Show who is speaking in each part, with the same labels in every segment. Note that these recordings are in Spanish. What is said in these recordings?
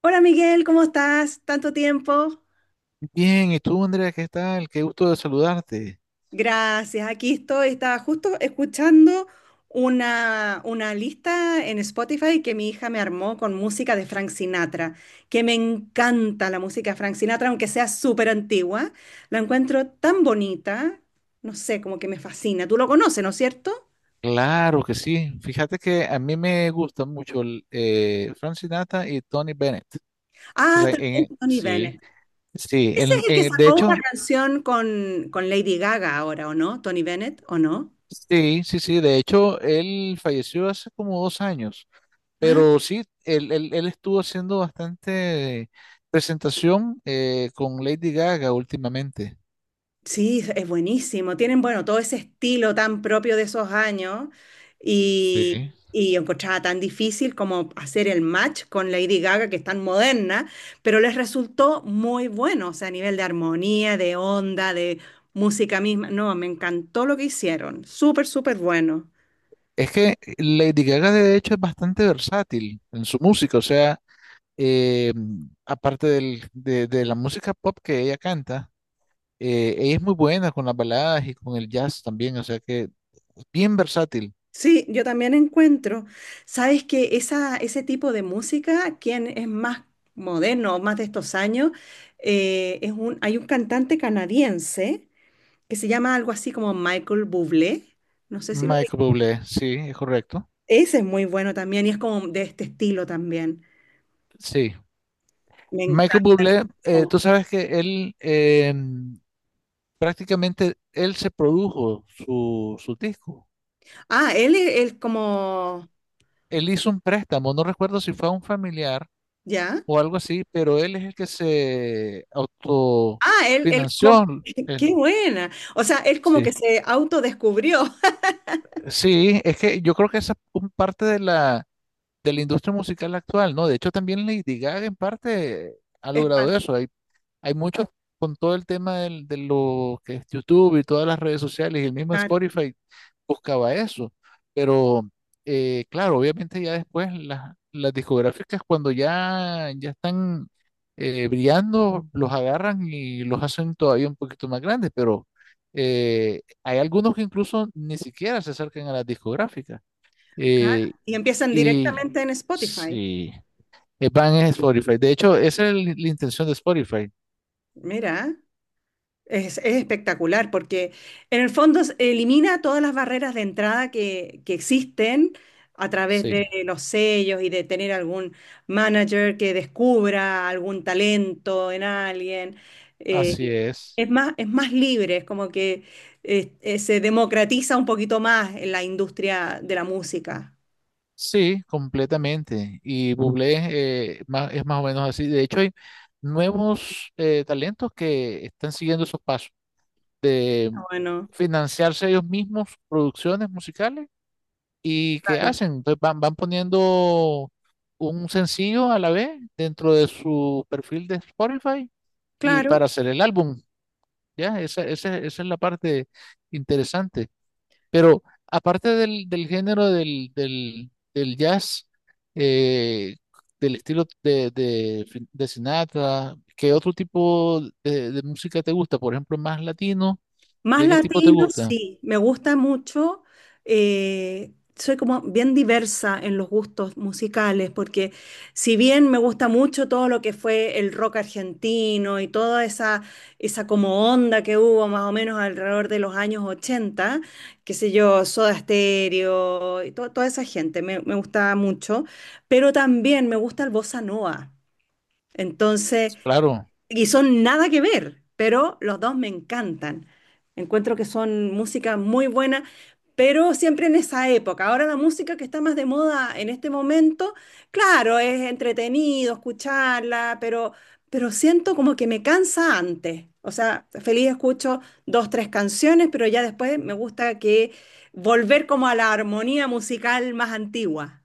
Speaker 1: Hola Miguel, ¿cómo estás? Tanto tiempo.
Speaker 2: Bien, ¿y tú, Andrea, qué tal? Qué gusto de saludarte.
Speaker 1: Gracias, aquí estoy. Estaba justo escuchando una lista en Spotify que mi hija me armó con música de Frank Sinatra, que me encanta la música de Frank Sinatra, aunque sea súper antigua. La encuentro tan bonita, no sé, como que me fascina. Tú lo conoces, ¿no es cierto?
Speaker 2: Claro que sí. Fíjate que a mí me gusta mucho Frank Sinatra y Tony Bennett. O
Speaker 1: Ah,
Speaker 2: sea,
Speaker 1: también Tony Bennett. Ese es el que
Speaker 2: de
Speaker 1: sacó una
Speaker 2: hecho,
Speaker 1: canción con Lady Gaga ahora, ¿o no? Tony Bennett, ¿o no?
Speaker 2: sí. De hecho, él falleció hace como dos años. Pero sí, él estuvo haciendo bastante presentación con Lady Gaga últimamente.
Speaker 1: Sí, es buenísimo. Tienen, bueno, todo ese estilo tan propio de esos años y,
Speaker 2: Sí.
Speaker 1: y yo encontraba tan difícil como hacer el match con Lady Gaga, que es tan moderna, pero les resultó muy bueno, o sea, a nivel de armonía, de onda, de música misma. No, me encantó lo que hicieron. Súper, súper bueno.
Speaker 2: Es que Lady Gaga, de hecho, es bastante versátil en su música. O sea. eh, aparte de la música pop que ella canta, ella es muy buena con las baladas y con el jazz también, o sea que bien versátil.
Speaker 1: Sí, yo también encuentro, sabes que esa, ese tipo de música, quien es más moderno, más de estos años, hay un cantante canadiense que se llama algo así como Michael Bublé. No sé si lo vi.
Speaker 2: Michael Bublé, sí, es correcto.
Speaker 1: Ese es muy bueno también y es como de este estilo también.
Speaker 2: Sí,
Speaker 1: Me
Speaker 2: Michael
Speaker 1: encanta.
Speaker 2: Bublé, tú sabes que él prácticamente él se produjo su disco.
Speaker 1: Ah, él es él como,
Speaker 2: Él hizo un préstamo, no recuerdo si fue a un familiar
Speaker 1: ¿ya?
Speaker 2: o algo así, pero él es el que se
Speaker 1: Ah, él como,
Speaker 2: autofinanció. él,
Speaker 1: qué buena. O sea, él como que
Speaker 2: sí.
Speaker 1: se autodescubrió.
Speaker 2: Sí, es que yo creo que esa es un parte de la industria musical actual, ¿no? De hecho, también Lady Gaga en parte ha
Speaker 1: Es pa-
Speaker 2: logrado eso. Hay muchos con todo el tema de lo que es YouTube y todas las redes sociales y el mismo
Speaker 1: claro,
Speaker 2: Spotify buscaba eso. Pero, claro, obviamente ya después las discográficas cuando ya están brillando, los agarran y los hacen todavía un poquito más grandes, pero hay algunos que incluso ni siquiera se acercan a las discográficas.
Speaker 1: claro.
Speaker 2: Eh,
Speaker 1: Y empiezan
Speaker 2: y
Speaker 1: directamente en Spotify.
Speaker 2: sí, van en Spotify. De hecho, esa es la intención de Spotify.
Speaker 1: Mira. Es espectacular porque en el fondo elimina todas las barreras de entrada que existen a través de
Speaker 2: Sí,
Speaker 1: los sellos y de tener algún manager que descubra algún talento en alguien. Eh,
Speaker 2: así es.
Speaker 1: es más libre, es como que se democratiza un poquito más en la industria de la música.
Speaker 2: Sí, completamente. Y Bublé es más o menos así. De hecho, hay nuevos talentos que están siguiendo esos pasos de
Speaker 1: Bueno,
Speaker 2: financiarse ellos mismos producciones musicales y que
Speaker 1: claro,
Speaker 2: hacen. Entonces van poniendo un sencillo a la vez dentro de su perfil de Spotify y
Speaker 1: claro.
Speaker 2: para hacer el álbum. Esa es la parte interesante. Pero aparte del jazz, eh, del estilo de Sinatra, ¿qué otro tipo de música te gusta? Por ejemplo, más latino,
Speaker 1: Más
Speaker 2: ¿de qué tipo te
Speaker 1: latino,
Speaker 2: gusta?
Speaker 1: sí, me gusta mucho. Soy como bien diversa en los gustos musicales, porque si bien me gusta mucho todo lo que fue el rock argentino y toda esa como onda que hubo más o menos alrededor de los años 80, qué sé yo, Soda Stereo y toda esa gente, me gustaba mucho, pero también me gusta el bossa nova. Entonces,
Speaker 2: Claro.
Speaker 1: y son nada que ver, pero los dos me encantan. Encuentro que son música muy buena, pero siempre en esa época. Ahora la música que está más de moda en este momento, claro, es entretenido escucharla, pero siento como que me cansa antes. O sea, feliz escucho dos, tres canciones, pero ya después me gusta que volver como a la armonía musical más antigua.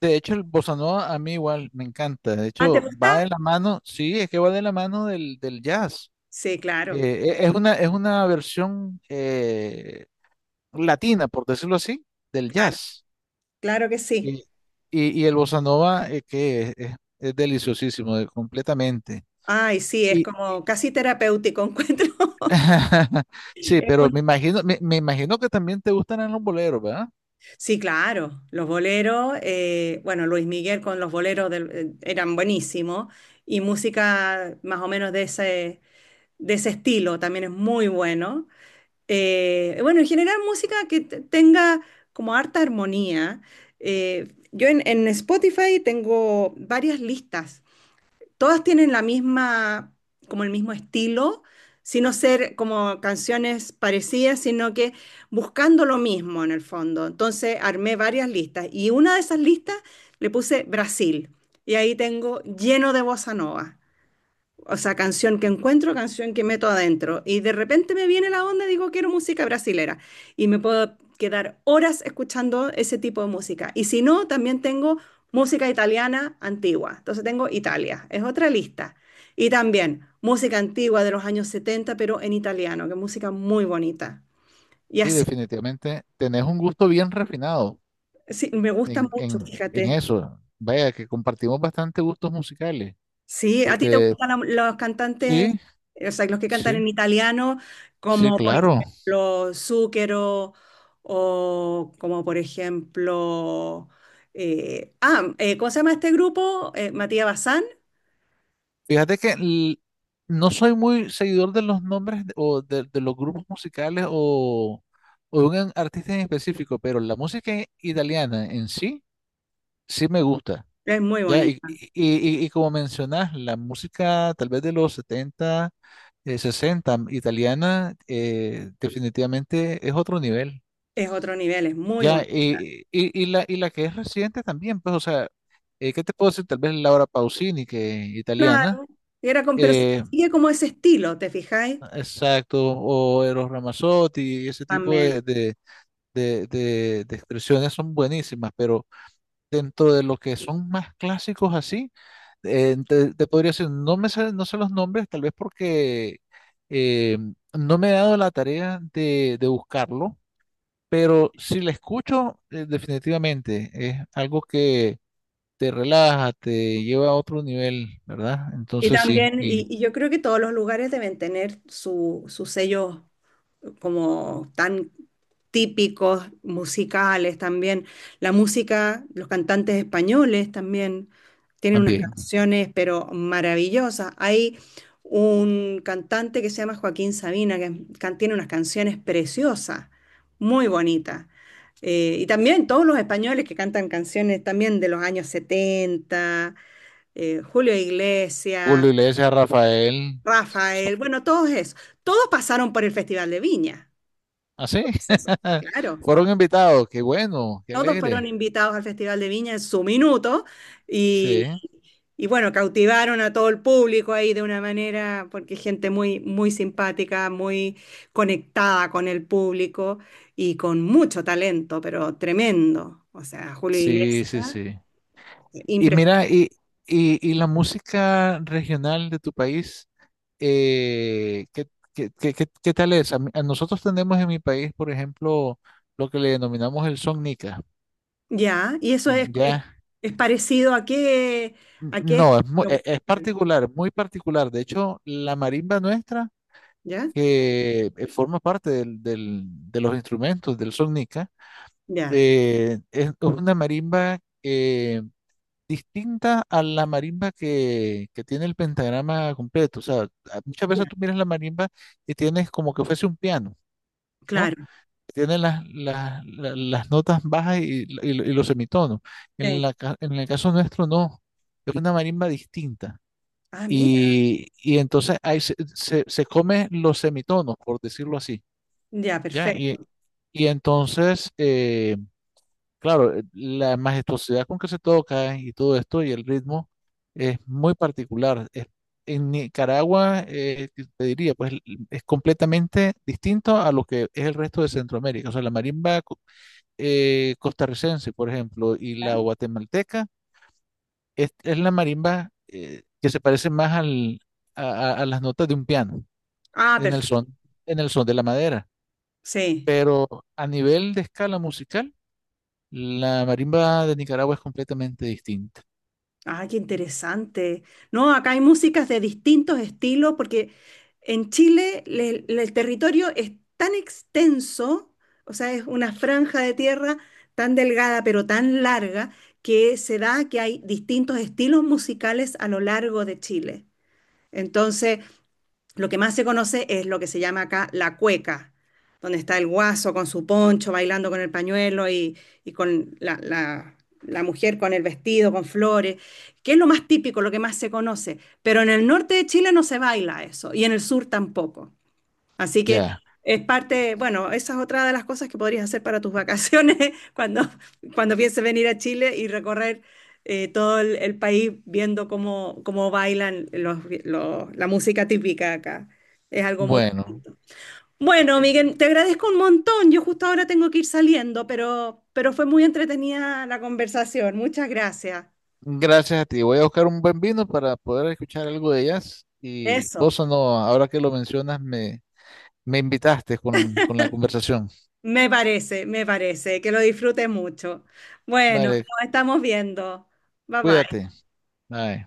Speaker 2: De hecho, el bossa nova a mí igual me encanta. De
Speaker 1: ¿Ah, te
Speaker 2: hecho,
Speaker 1: gusta?
Speaker 2: va de la mano, sí, es que va de la mano del jazz.
Speaker 1: Sí, claro,
Speaker 2: Es una versión latina, por decirlo así, del
Speaker 1: claro,
Speaker 2: jazz.
Speaker 1: claro que
Speaker 2: Y,
Speaker 1: sí.
Speaker 2: y el bossa nova, es deliciosísimo, completamente.
Speaker 1: Ay, sí, es
Speaker 2: Y,
Speaker 1: como casi terapéutico encuentro.
Speaker 2: sí,
Speaker 1: Es
Speaker 2: pero
Speaker 1: un-
Speaker 2: me imagino, me imagino que también te gustan los boleros, ¿verdad?
Speaker 1: Sí, claro, los boleros, bueno, Luis Miguel con los boleros eran buenísimos y música más o menos de ese, estilo también es muy bueno. Bueno, en general música que tenga como harta armonía. Yo en Spotify tengo varias listas todas tienen la misma, como el mismo estilo, sino ser como canciones parecidas, sino que buscando lo mismo en el fondo. Entonces armé varias listas y una de esas listas le puse Brasil y ahí tengo lleno de bossa nova. O sea, canción que encuentro, canción que meto adentro. Y de repente me viene la onda y digo, quiero música brasilera. Y me puedo quedar horas escuchando ese tipo de música. Y si no, también tengo música italiana antigua. Entonces tengo Italia, es otra lista. Y también música antigua de los años 70 pero en italiano, que es música muy bonita. Y
Speaker 2: Y
Speaker 1: así,
Speaker 2: definitivamente tenés un gusto bien refinado
Speaker 1: sí, me gusta mucho,
Speaker 2: en
Speaker 1: fíjate.
Speaker 2: eso. Vaya, que compartimos bastante gustos musicales.
Speaker 1: Sí, ¿a ti te
Speaker 2: Porque
Speaker 1: gustan los cantantes,
Speaker 2: sí,
Speaker 1: o sea, los que cantan
Speaker 2: sí,
Speaker 1: en italiano,
Speaker 2: sí,
Speaker 1: como por
Speaker 2: claro.
Speaker 1: ejemplo Zucchero o como por ejemplo, ¿cómo se llama este grupo? Matías Bazán.
Speaker 2: Fíjate que no soy muy seguidor de los nombres de los grupos musicales o de un artista en específico, pero la música italiana en sí, sí me gusta.
Speaker 1: Es muy
Speaker 2: Ya,
Speaker 1: bonita,
Speaker 2: y como mencionas, la música tal vez de los 70, 60 italiana, definitivamente es otro nivel.
Speaker 1: es otro nivel, es muy
Speaker 2: Ya,
Speaker 1: bonita.
Speaker 2: y la que es reciente también, pues, o sea, ¿qué te puedo decir? Tal vez Laura Pausini, que italiana.
Speaker 1: Claro, era con, pero se
Speaker 2: eh,
Speaker 1: sigue como ese estilo, ¿te fijáis?
Speaker 2: Exacto, o Eros Ramazzotti, ese tipo
Speaker 1: También.
Speaker 2: de expresiones son buenísimas, pero dentro de lo que son más clásicos así, te podría decir, no me sé, no sé los nombres, tal vez porque eh, no me he dado la tarea de buscarlo, pero si la escucho, definitivamente es algo que te relaja, te lleva a otro nivel, ¿verdad?
Speaker 1: Y
Speaker 2: Entonces sí,
Speaker 1: también,
Speaker 2: y
Speaker 1: y yo creo que todos los lugares deben tener sus sellos como tan típicos musicales también. La música, los cantantes españoles también tienen unas
Speaker 2: también.
Speaker 1: canciones, pero maravillosas. Hay un cantante que se llama Joaquín Sabina, que tiene unas canciones preciosas, muy bonitas. Y también todos los españoles que cantan canciones también de los años 70 Julio Iglesias,
Speaker 2: Julio Iglesias, Rafael.
Speaker 1: Rafael, bueno, todos esos. Todos pasaron por el Festival de Viña.
Speaker 2: ¿Ah, sí?
Speaker 1: Entonces, claro,
Speaker 2: Fueron invitados, qué bueno, qué
Speaker 1: todos fueron
Speaker 2: alegre.
Speaker 1: invitados al Festival de Viña en su minuto y,
Speaker 2: Sí,
Speaker 1: y bueno, cautivaron a todo el público ahí de una manera, porque gente muy, muy simpática, muy conectada con el público y con mucho talento, pero tremendo. O sea, Julio Iglesias,
Speaker 2: sí, sí, sí. Y
Speaker 1: impres-
Speaker 2: mira, y la música regional de tu país, eh, ¿qué, ¿qué tal es? A, mí- a nosotros tenemos en mi país, por ejemplo, lo que le denominamos el son nica.
Speaker 1: ya, y eso es, es,
Speaker 2: Ya,
Speaker 1: es parecido a qué
Speaker 2: No,
Speaker 1: estilo
Speaker 2: es
Speaker 1: musical,
Speaker 2: particular, muy particular. De hecho, la marimba nuestra,
Speaker 1: ¿ya?
Speaker 2: que forma parte de los instrumentos del son
Speaker 1: Ya,
Speaker 2: es una marimba distinta a la marimba que tiene el pentagrama completo. O sea, muchas
Speaker 1: ya,
Speaker 2: veces tú miras la marimba y tienes como que fuese un piano, ¿no?
Speaker 1: claro.
Speaker 2: Tiene las notas bajas y, y los semitonos. En
Speaker 1: Sí.
Speaker 2: en el caso nuestro, no. Es una marimba distinta.
Speaker 1: Ah, mira,
Speaker 2: Y, entonces ahí se come los semitonos, por decirlo así.
Speaker 1: ya,
Speaker 2: ¿Ya?
Speaker 1: perfecto.
Speaker 2: Y entonces, claro, la majestuosidad con que se toca y todo esto y el ritmo es muy particular. En Nicaragua, te diría, es completamente distinto a lo que es el resto de Centroamérica. O sea, la marimba costarricense, por ejemplo, y
Speaker 1: ¿Ya?
Speaker 2: la guatemalteca es la marimba que se parece más a las notas de un piano,
Speaker 1: Ah,
Speaker 2: en el
Speaker 1: perfecto.
Speaker 2: son, en el son de la madera.
Speaker 1: Sí.
Speaker 2: Pero a nivel de escala musical, la marimba de Nicaragua es completamente distinta.
Speaker 1: Ah, qué interesante. No, acá hay músicas de distintos estilos porque en Chile el territorio es tan extenso, o sea, es una franja de tierra tan delgada pero tan larga que se da que hay distintos estilos musicales a lo largo de Chile. Entonces, lo que más se conoce es lo que se llama acá la cueca, donde está el guaso con su poncho bailando con el pañuelo y con la mujer con el vestido, con flores, que es lo más típico, lo que más se conoce. Pero en el norte de Chile no se baila eso y en el sur tampoco. Así que
Speaker 2: Ya,
Speaker 1: es parte, bueno, esa es otra de las cosas que podrías hacer para tus vacaciones cuando, cuando pienses venir a Chile y recorrer todo el país viendo cómo bailan la música típica acá. Es algo muy
Speaker 2: bueno,
Speaker 1: bonito. Bueno, Miguel, te agradezco un montón. Yo justo ahora tengo que ir saliendo, pero fue muy entretenida la conversación. Muchas gracias.
Speaker 2: gracias a ti. Voy a buscar un buen vino para poder escuchar algo de jazz. Y
Speaker 1: Eso,
Speaker 2: Bossa no, ahora que lo mencionas, me invitaste con la conversación.
Speaker 1: me parece, me parece. Que lo disfrutes mucho. Bueno,
Speaker 2: Vale,
Speaker 1: nos estamos viendo. Bye bye.
Speaker 2: cuídate. Bye.